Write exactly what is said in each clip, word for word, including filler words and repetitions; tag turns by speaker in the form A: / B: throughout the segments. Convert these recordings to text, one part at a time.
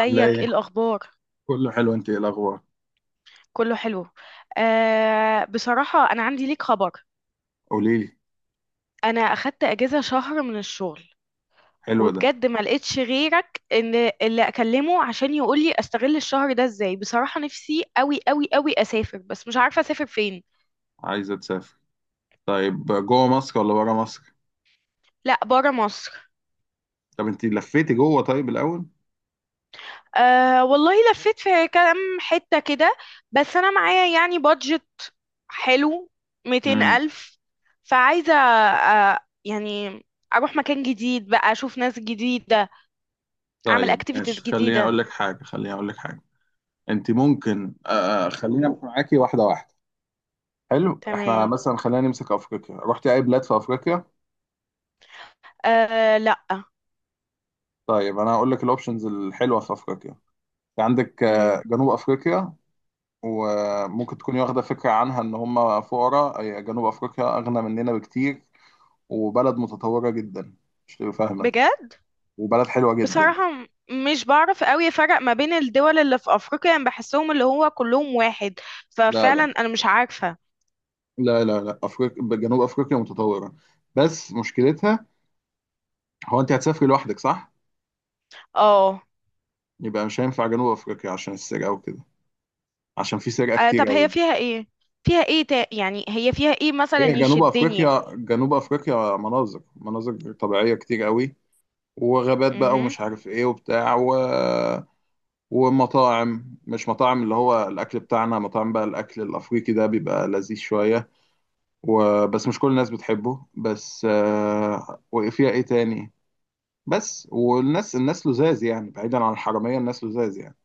A: عاملة
B: ايه
A: ايه؟
B: الاخبار؟
A: كله حلو، انت ايه الأخبار؟
B: كله حلو. آه، بصراحة انا عندي ليك خبر.
A: قوليلي.
B: انا اخدت اجازة شهر من الشغل.
A: حلو ده.
B: وبجد ما لقيتش غيرك ان اللي اكلمه عشان يقول لي استغل الشهر ده ازاي. بصراحة نفسي قوي قوي قوي اسافر، بس مش عارفة اسافر فين.
A: عايزة تسافر؟ طيب جوه مصر ولا بره مصر؟
B: لا، برا مصر.
A: طب انت لفيتي جوه طيب الأول؟
B: أه والله، لفيت في كام حتة كده. بس أنا معايا يعني بادجت. حلو. ميتين
A: امم.
B: ألف فعايزة أه يعني أروح مكان جديد بقى، أشوف ناس جديدة. أعمل
A: طيب
B: أكتيفيتيز
A: ماشي، خليني أقول
B: جديدة.
A: لك حاجة، خليني أقول لك حاجة. انت ممكن آه آه، خلينا معاكي واحدة واحدة. حلو، احنا
B: تمام.
A: مثلا خلينا نمسك أفريقيا. رحتي أي بلاد في أفريقيا؟
B: أه، لأ.
A: طيب أنا هقول لك الأوبشنز الحلوة في أفريقيا. في عندك آه،
B: مم.
A: جنوب أفريقيا. وممكن تكوني واخدة فكرة عنها إن هم فقراء، آه، جنوب أفريقيا أغنى مننا بكتير، وبلد متطورة جدا، مش تبقى فاهمة،
B: بجد.
A: وبلد حلوة جدا.
B: بصراحة، م- مش بعرف قوي أفرق ما بين الدول اللي في أفريقيا، يعني بحسهم اللي هو كلهم واحد.
A: لا
B: ففعلا
A: لا
B: أنا مش عارفة.
A: لا لا لا أفريقيا، جنوب أفريقيا متطورة. بس مشكلتها، هو أنت هتسافري لوحدك صح؟
B: اه.
A: يبقى مش هينفع جنوب أفريقيا عشان السرقة وكده، عشان في سرقة
B: آه، طب
A: كتير
B: هي
A: أوي.
B: فيها ايه؟ فيها ايه تا... يعني هي فيها ايه مثلا
A: هي جنوب
B: يشدني؟
A: أفريقيا، جنوب أفريقيا مناظر مناظر طبيعية كتير أوي، وغابات بقى،
B: امم.
A: ومش عارف إيه وبتاع و... ومطاعم مش مطاعم اللي هو الأكل بتاعنا، مطاعم بقى الأكل الأفريقي، ده بيبقى لذيذ شوية، وبس مش كل الناس بتحبه، بس آه. وفيها ايه تاني؟ بس والناس، الناس لزاز يعني، بعيدا عن الحرامية الناس لزاز يعني.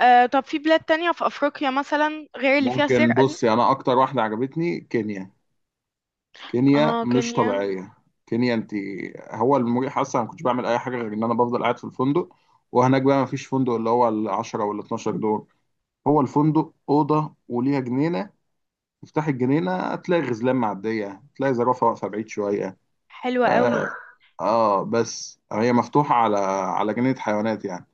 B: آه، طب في بلاد تانية في افريقيا مثلا غير اللي فيها
A: ممكن
B: سرقة دي؟
A: بصي، انا اكتر واحدة عجبتني كينيا. كينيا
B: اه،
A: مش
B: كينيا.
A: طبيعية. كينيا انت، هو المريح اصلا، ما كنتش بعمل اي حاجة غير ان انا بفضل قاعد في الفندق. وهناك بقى ما فيش فندق اللي هو العشرة ولا اتناشر دور، هو الفندق أوضة وليها جنينة، تفتح الجنينة تلاقي غزلان معدية، تلاقي زرافة واقفة بعيد شوية.
B: حلوة
A: اه،
B: قوي.
A: آه، بس هي مفتوحة على، على جنينة حيوانات يعني.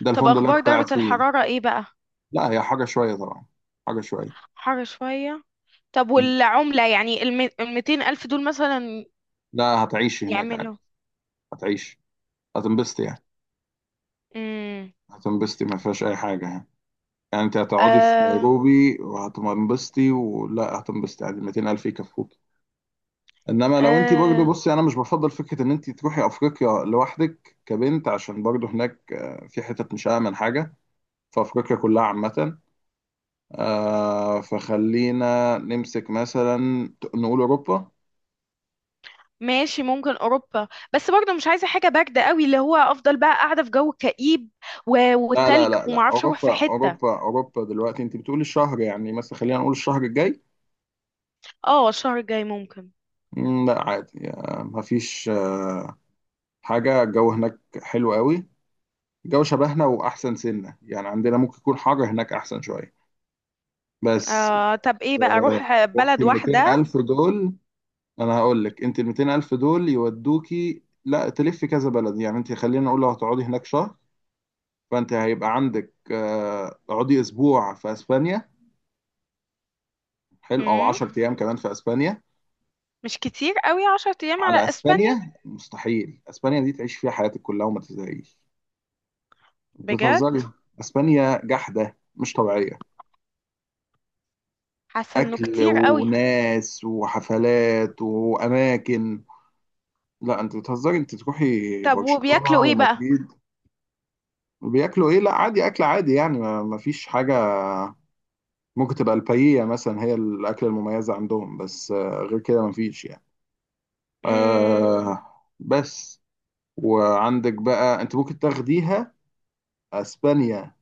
A: ده
B: طب
A: الفندق اللي أنا
B: اخبار
A: كنت
B: درجة
A: قاعد فيه.
B: الحرارة ايه بقى؟
A: لا هي حاجة شوية طبعا، حاجة شوية.
B: حر شوية. طب
A: مم.
B: والعملة، يعني الم... الميتين الف دول مثلا
A: لا هتعيشي هناك عادي،
B: يعملوا؟
A: هتعيشي، هتنبسطي يعني.
B: امم.
A: هتنبسطي ما فيهاش أي حاجة يعني. يعني أنت هتقعدي في
B: آه.
A: نيروبي وهتنبسطي، ولا هتنبسطي عادي، ميتين ألف يكفوك. إنما لو أنت برضه،
B: آه،
A: بصي أنا مش بفضل فكرة إن أنت تروحي أفريقيا لوحدك كبنت، عشان برضه هناك، آه، في حتت مش آمن حاجة في أفريقيا كلها عامة. آه، فخلينا نمسك مثلا، نقول أوروبا.
B: ماشي ممكن اوروبا. بس برضه مش عايزه حاجه بارده قوي اللي هو افضل بقى قاعده في جو كئيب و...
A: لا لا
B: والتلج
A: لا لا
B: ومعرفش اروح في
A: أوروبا،
B: حته.
A: أوروبا أوروبا دلوقتي، أنت بتقولي الشهر يعني، مثلا خلينا نقول الشهر الجاي.
B: اه، الشهر الجاي ممكن.
A: مم، لا عادي، آه، مفيش، آه، حاجة، الجو هناك حلو قوي. الجو شبهنا، وأحسن سنة يعني عندنا ممكن يكون حر، هناك أحسن شوية. بس
B: آه، طب ايه بقى،
A: آه،
B: اروح
A: وقت
B: بلد
A: ال ميتين
B: واحدة؟
A: ألف دول، أنا هقول لك، أنت ال ميتين ألف دول يودوكي لا تلفي كذا بلد، يعني أنت خلينا نقول لو هتقعدي هناك شهر، فانت هيبقى عندك، آه، اقعدي اسبوع في اسبانيا، حلو، او
B: مم.
A: عشرة ايام كمان في اسبانيا.
B: مش كتير قوي عشر ايام على
A: على
B: اسبانيا؟
A: اسبانيا؟ مستحيل، اسبانيا دي تعيش فيها حياتك كلها وما تزهقيش.
B: بجد.
A: بتهزري؟ اسبانيا جحده مش طبيعيه،
B: حاسة انه
A: اكل
B: كتير قوي.
A: وناس وحفلات واماكن. لا انت بتهزري، انت تروحي
B: طب
A: برشلونه
B: وبياكلوا ايه بقى؟
A: ومدريد. بياكلوا ايه؟ لا عادي اكل عادي يعني، ما ما فيش حاجه، ممكن تبقى البايية مثلا هي الاكله المميزه عندهم، بس آه، غير كده ما فيش يعني.
B: مم.
A: آه بس، وعندك بقى انت ممكن تاخديها، اسبانيا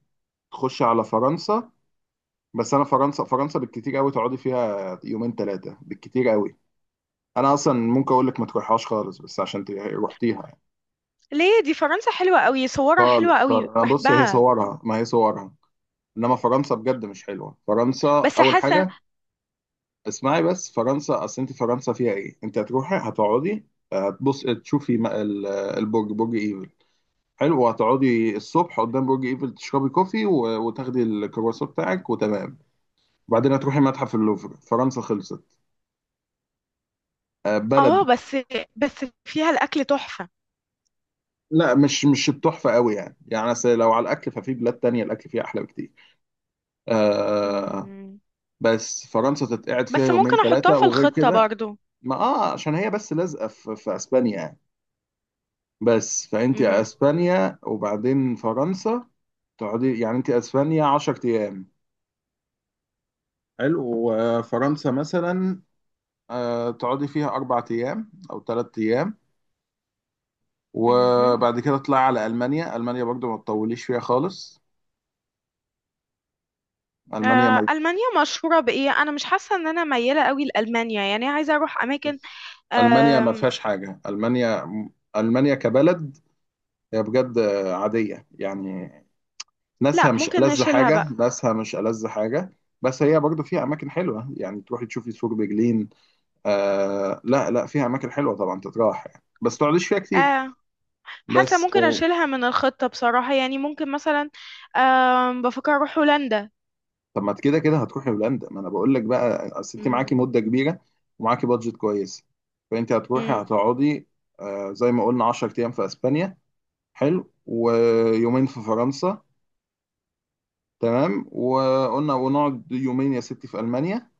A: تخش على فرنسا. بس انا فرنسا، فرنسا بالكتير قوي تقعدي فيها يومين ثلاثه بالكتير قوي، انا اصلا ممكن اقول لك ما تروحهاش خالص، بس عشان ت- رحتيها يعني.
B: ليه؟ دي فرنسا حلوة قوي، صورها حلوة
A: خالص خالص،
B: قوي،
A: انا بص، هي
B: بحبها.
A: صورها، ما هي صورها، انما فرنسا بجد مش حلوه. فرنسا
B: بس
A: اول
B: حاسة.
A: حاجه، اسمعي بس، فرنسا اصل انت، فرنسا فيها ايه، انت هتروحي هتقعدي، هتبص تشوفي م- ال- البرج، برج ايفل، حلو، وهتقعدي الصبح قدام برج ايفل تشربي كوفي و- وتاخدي الكرواسون بتاعك وتمام، وبعدين هتروحي متحف اللوفر. فرنسا خلصت. آه، بلد،
B: اه، بس. بس فيها الاكل تحفة.
A: لا مش مش التحفة قوي يعني، يعني أصل لو على الأكل ففي بلاد تانية الأكل فيها أحلى بكتير. آه.
B: مم.
A: بس فرنسا تتقعد فيها
B: بس
A: يومين
B: ممكن احطها
A: ثلاثة،
B: في
A: وغير
B: الخطة
A: كده،
B: برضو.
A: ما اه عشان هي بس لازقة في, في أسبانيا يعني، بس فأنت
B: مهم.
A: أسبانيا وبعدين فرنسا، تقعدي يعني أنت أسبانيا عشر أيام، حلو، وفرنسا مثلا، آه، تقعدي فيها أربع أيام أو ثلاث أيام،
B: مهم.
A: وبعد كده تطلعي على ألمانيا. ألمانيا برضو ما تطوليش فيها خالص. ألمانيا
B: آه،
A: ما
B: ألمانيا مشهورة بإيه؟ أنا مش حاسة إن أنا ميالة قوي لألمانيا، يعني عايزة أروح أماكن.
A: ألمانيا ما فيهاش حاجة. ألمانيا، ألمانيا كبلد هي بجد عادية يعني، ناسها
B: لا،
A: مش
B: ممكن
A: ألذ
B: نشيلها
A: حاجة،
B: بقى.
A: ناسها مش ألذ حاجة بس هي برضو فيها أماكن حلوة، يعني تروحي تشوفي سور برلين. آه لا لا، فيها أماكن حلوة طبعا تتراح يعني، بس تقعديش فيها كتير.
B: آه، حاسه
A: بس،
B: ممكن اشيلها من الخطه بصراحه، يعني ممكن مثلا. آه، بفكر اروح هولندا.
A: طب ما أنت كده كده هتروحي هولندا، ما انا بقول لك بقى، اصل انت معاكي
B: مم.
A: مده كبيره ومعاكي بادجت كويس، فانت هتروحي
B: مم.
A: هتقعدي، آه، زي ما قلنا عشر ايام في اسبانيا، حلو، ويومين في فرنسا، تمام، وقلنا ونقعد يومين يا ستي في المانيا.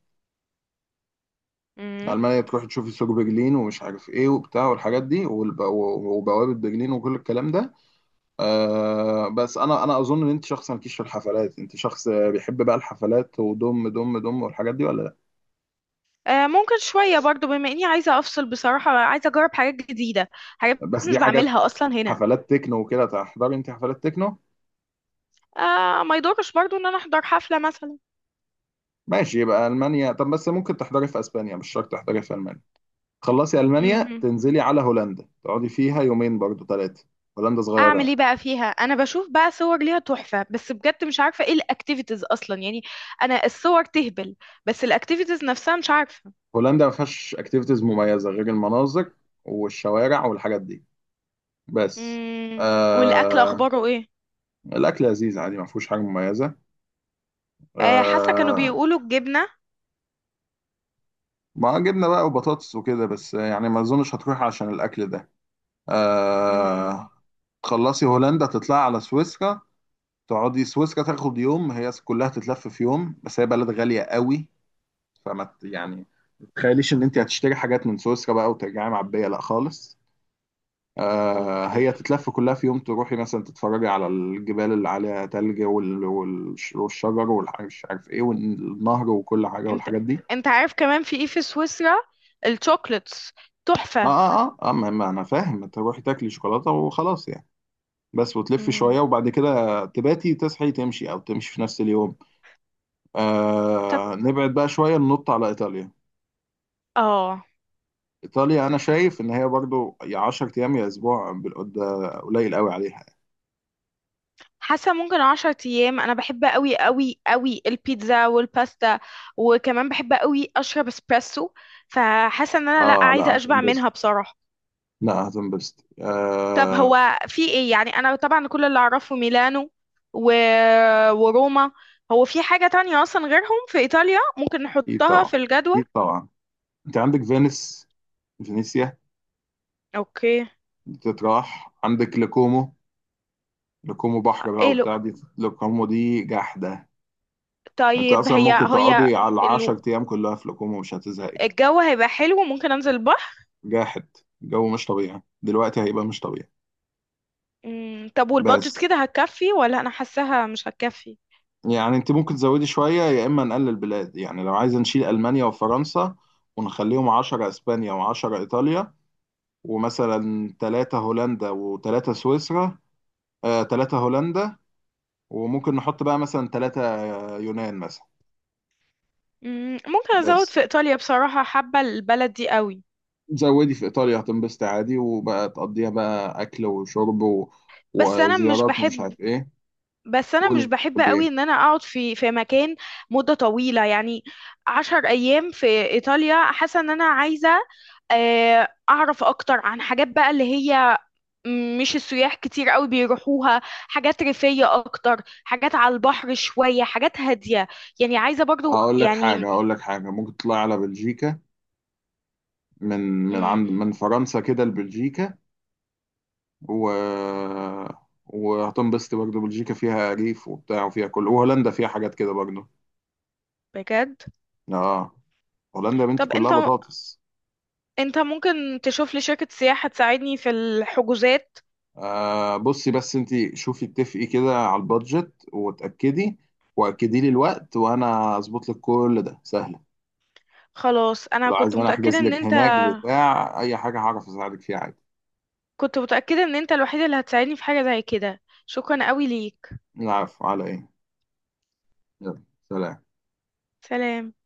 B: مم.
A: المانيا تروحي تشوفي سوق برلين، ومش عارف ايه وبتاع والحاجات دي، والب- وبوابه برلين وكل الكلام ده. آه بس، انا انا اظن ان انت شخص مالكيش في الحفلات، انت شخص بيحب بقى الحفلات ودم دم دم والحاجات دي، ولا؟
B: آه، ممكن شويه برضو، بما اني عايزه افصل بصراحه، عايزه اجرب حاجات جديده. حاجات
A: بس
B: مش
A: دي حاجات،
B: بعملها اصلا هنا.
A: حفلات تكنو وكده، تحضري انت حفلات تكنو؟
B: آه، ما يضرش برضو ان انا احضر حفله مثلا.
A: ماشي، يبقى المانيا، طب بس ممكن تحضري في اسبانيا، مش شرط تحضري في المانيا. خلصي المانيا
B: مهم.
A: تنزلي على هولندا، تقعدي فيها يومين برضو ثلاثه. هولندا صغيره
B: اعمل
A: يعني.
B: ايه بقى فيها؟ انا بشوف بقى صور ليها تحفه، بس بجد مش عارفه ايه الاكتيفيتيز اصلا يعني. انا الصور تهبل. بس الاكتيفيتيز نفسها مش عارفه.
A: هولندا ما فيهاش اكتيفيتيز مميزه غير المناظر والشوارع والحاجات دي، بس
B: امم. والاكل
A: آه...
B: اخباره ايه؟
A: الاكل لذيذ عادي، ما فيهوش حاجه مميزه،
B: آه، حاسه كانوا
A: آه...
B: بيقولوا الجبنه.
A: ما جبنه بقى وبطاطس وكده، بس يعني ما اظنش هتروح عشان الاكل ده.
B: امم.
A: آه... تخلصي هولندا تطلعي على سويسرا. تقعدي سويسرا تاخد يوم، هي كلها تتلف في يوم، بس هي بلد غالية قوي، فما ت- يعني ما تتخيليش ان انت هتشتري حاجات من سويسرا بقى وترجعي معبية، لا خالص. آه
B: اوكي.
A: هي تتلف كلها في يوم، تروحي مثلا تتفرجي على الجبال اللي عليها تلج، وال- والش- والشجر والمش عارف ايه والنهر وكل حاجة
B: انت
A: والحاجات دي.
B: انت عارف كمان في ايه في سويسرا؟ الشوكليتس
A: اه
B: تحفه.
A: اه اه, آه ما, ما انا فاهم، تروحي تاكلي شوكولاتة وخلاص يعني، بس وتلفي شوية،
B: امم.
A: وبعد كده تباتي تصحي تمشي، او تمشي في نفس اليوم.
B: طب.
A: آه نبعد بقى شوية، ننط على إيطاليا.
B: اه.
A: إيطاليا أنا شايف إن هي برضو يا عشر أيام يا أسبوع، بالقد- ده قليل قوي عليها.
B: حاسه ممكن عشر ايام، انا بحب قوي قوي قوي البيتزا والباستا. وكمان بحب قوي اشرب اسبريسو. فحاسه ان انا لا،
A: آه لا
B: عايزه اشبع
A: هتنبسط،
B: منها بصراحه.
A: لا هتنبسط
B: طب
A: آه.
B: هو في ايه؟ يعني انا طبعا كل اللي اعرفه ميلانو و... وروما. هو في حاجة تانية اصلا غيرهم في ايطاليا ممكن
A: أكيد
B: نحطها
A: طبعا،
B: في الجدول؟
A: أكيد طبعا. أنت عندك فينيس، فينيسيا
B: اوكي.
A: دي تتراح، عندك لكومو، لكومو بحر بقى
B: ايه لو
A: وبتاع، دي لكومو دي جحدة. أنت
B: طيب.
A: أصلا
B: هي
A: ممكن
B: هي
A: تقعدي على
B: ال-
A: عشر أيام كلها في لكومو مش هتزهقي.
B: الجو هيبقى حلو، ممكن انزل البحر.
A: جاحد، الجو مش طبيعي دلوقتي، هيبقى مش طبيعي.
B: مم، طب والبادجت
A: بس
B: كده هتكفي، ولا انا حاساها مش هتكفي؟
A: يعني انت ممكن تزودي شوية، يا اما نقلل بلاد، يعني لو عايزة نشيل المانيا وفرنسا ونخليهم عشر اسبانيا و10 ايطاليا، ومثلا تلاتة هولندا و3 سويسرا، آه ثلاثة هولندا، وممكن نحط بقى مثلا ثلاثة يونان مثلا.
B: مم، ممكن ازود
A: بس
B: في ايطاليا بصراحة، حابة البلد دي قوي.
A: زودي في ايطاليا هتنبسطي عادي، وبقى تقضيها بقى اكل وشرب و...
B: بس انا مش
A: وزيارات ومش
B: بحب.
A: عارف ايه.
B: بس انا
A: قولي
B: مش بحب
A: بتحبي
B: قوي
A: ايه.
B: ان انا اقعد في في مكان مدة طويلة يعني. عشر ايام في ايطاليا، حاسة ان انا عايزة آه، اعرف اكتر عن حاجات بقى اللي هي مش السياح كتير قوي بيروحوها، حاجات ريفية اكتر، حاجات على البحر شوية، حاجات هادية. يعني عايزة برضو
A: هقول لك حاجة،
B: يعني.
A: هقول لك حاجة، ممكن تطلعي على بلجيكا، من من عند
B: مم،
A: من فرنسا كده لبلجيكا، و... وهتنبسط برضه، بلجيكا فيها ريف وبتاع وفيها كل، وهولندا فيها حاجات كده برضه.
B: بجد.
A: اه، هولندا يا بنتي
B: طب انت،
A: كلها بطاطس.
B: انت ممكن تشوف لي شركة سياحة تساعدني في الحجوزات؟
A: آه بصي بس انت، شوفي اتفقي كده على البادجت وتأكدي، واكدي لي الوقت وانا اظبط لك كل ده سهله.
B: خلاص، انا
A: ولو عايز
B: كنت
A: انا
B: متأكدة
A: احجز
B: ان
A: لك
B: انت.
A: هناك بتاع اي حاجه هعرف اساعدك فيها عادي.
B: كنت متأكدة ان انت الوحيد اللي هتساعدني في حاجة زي كده. شكرا قوي ليك.
A: العفو على ايه، يلا، سلام.
B: سلام.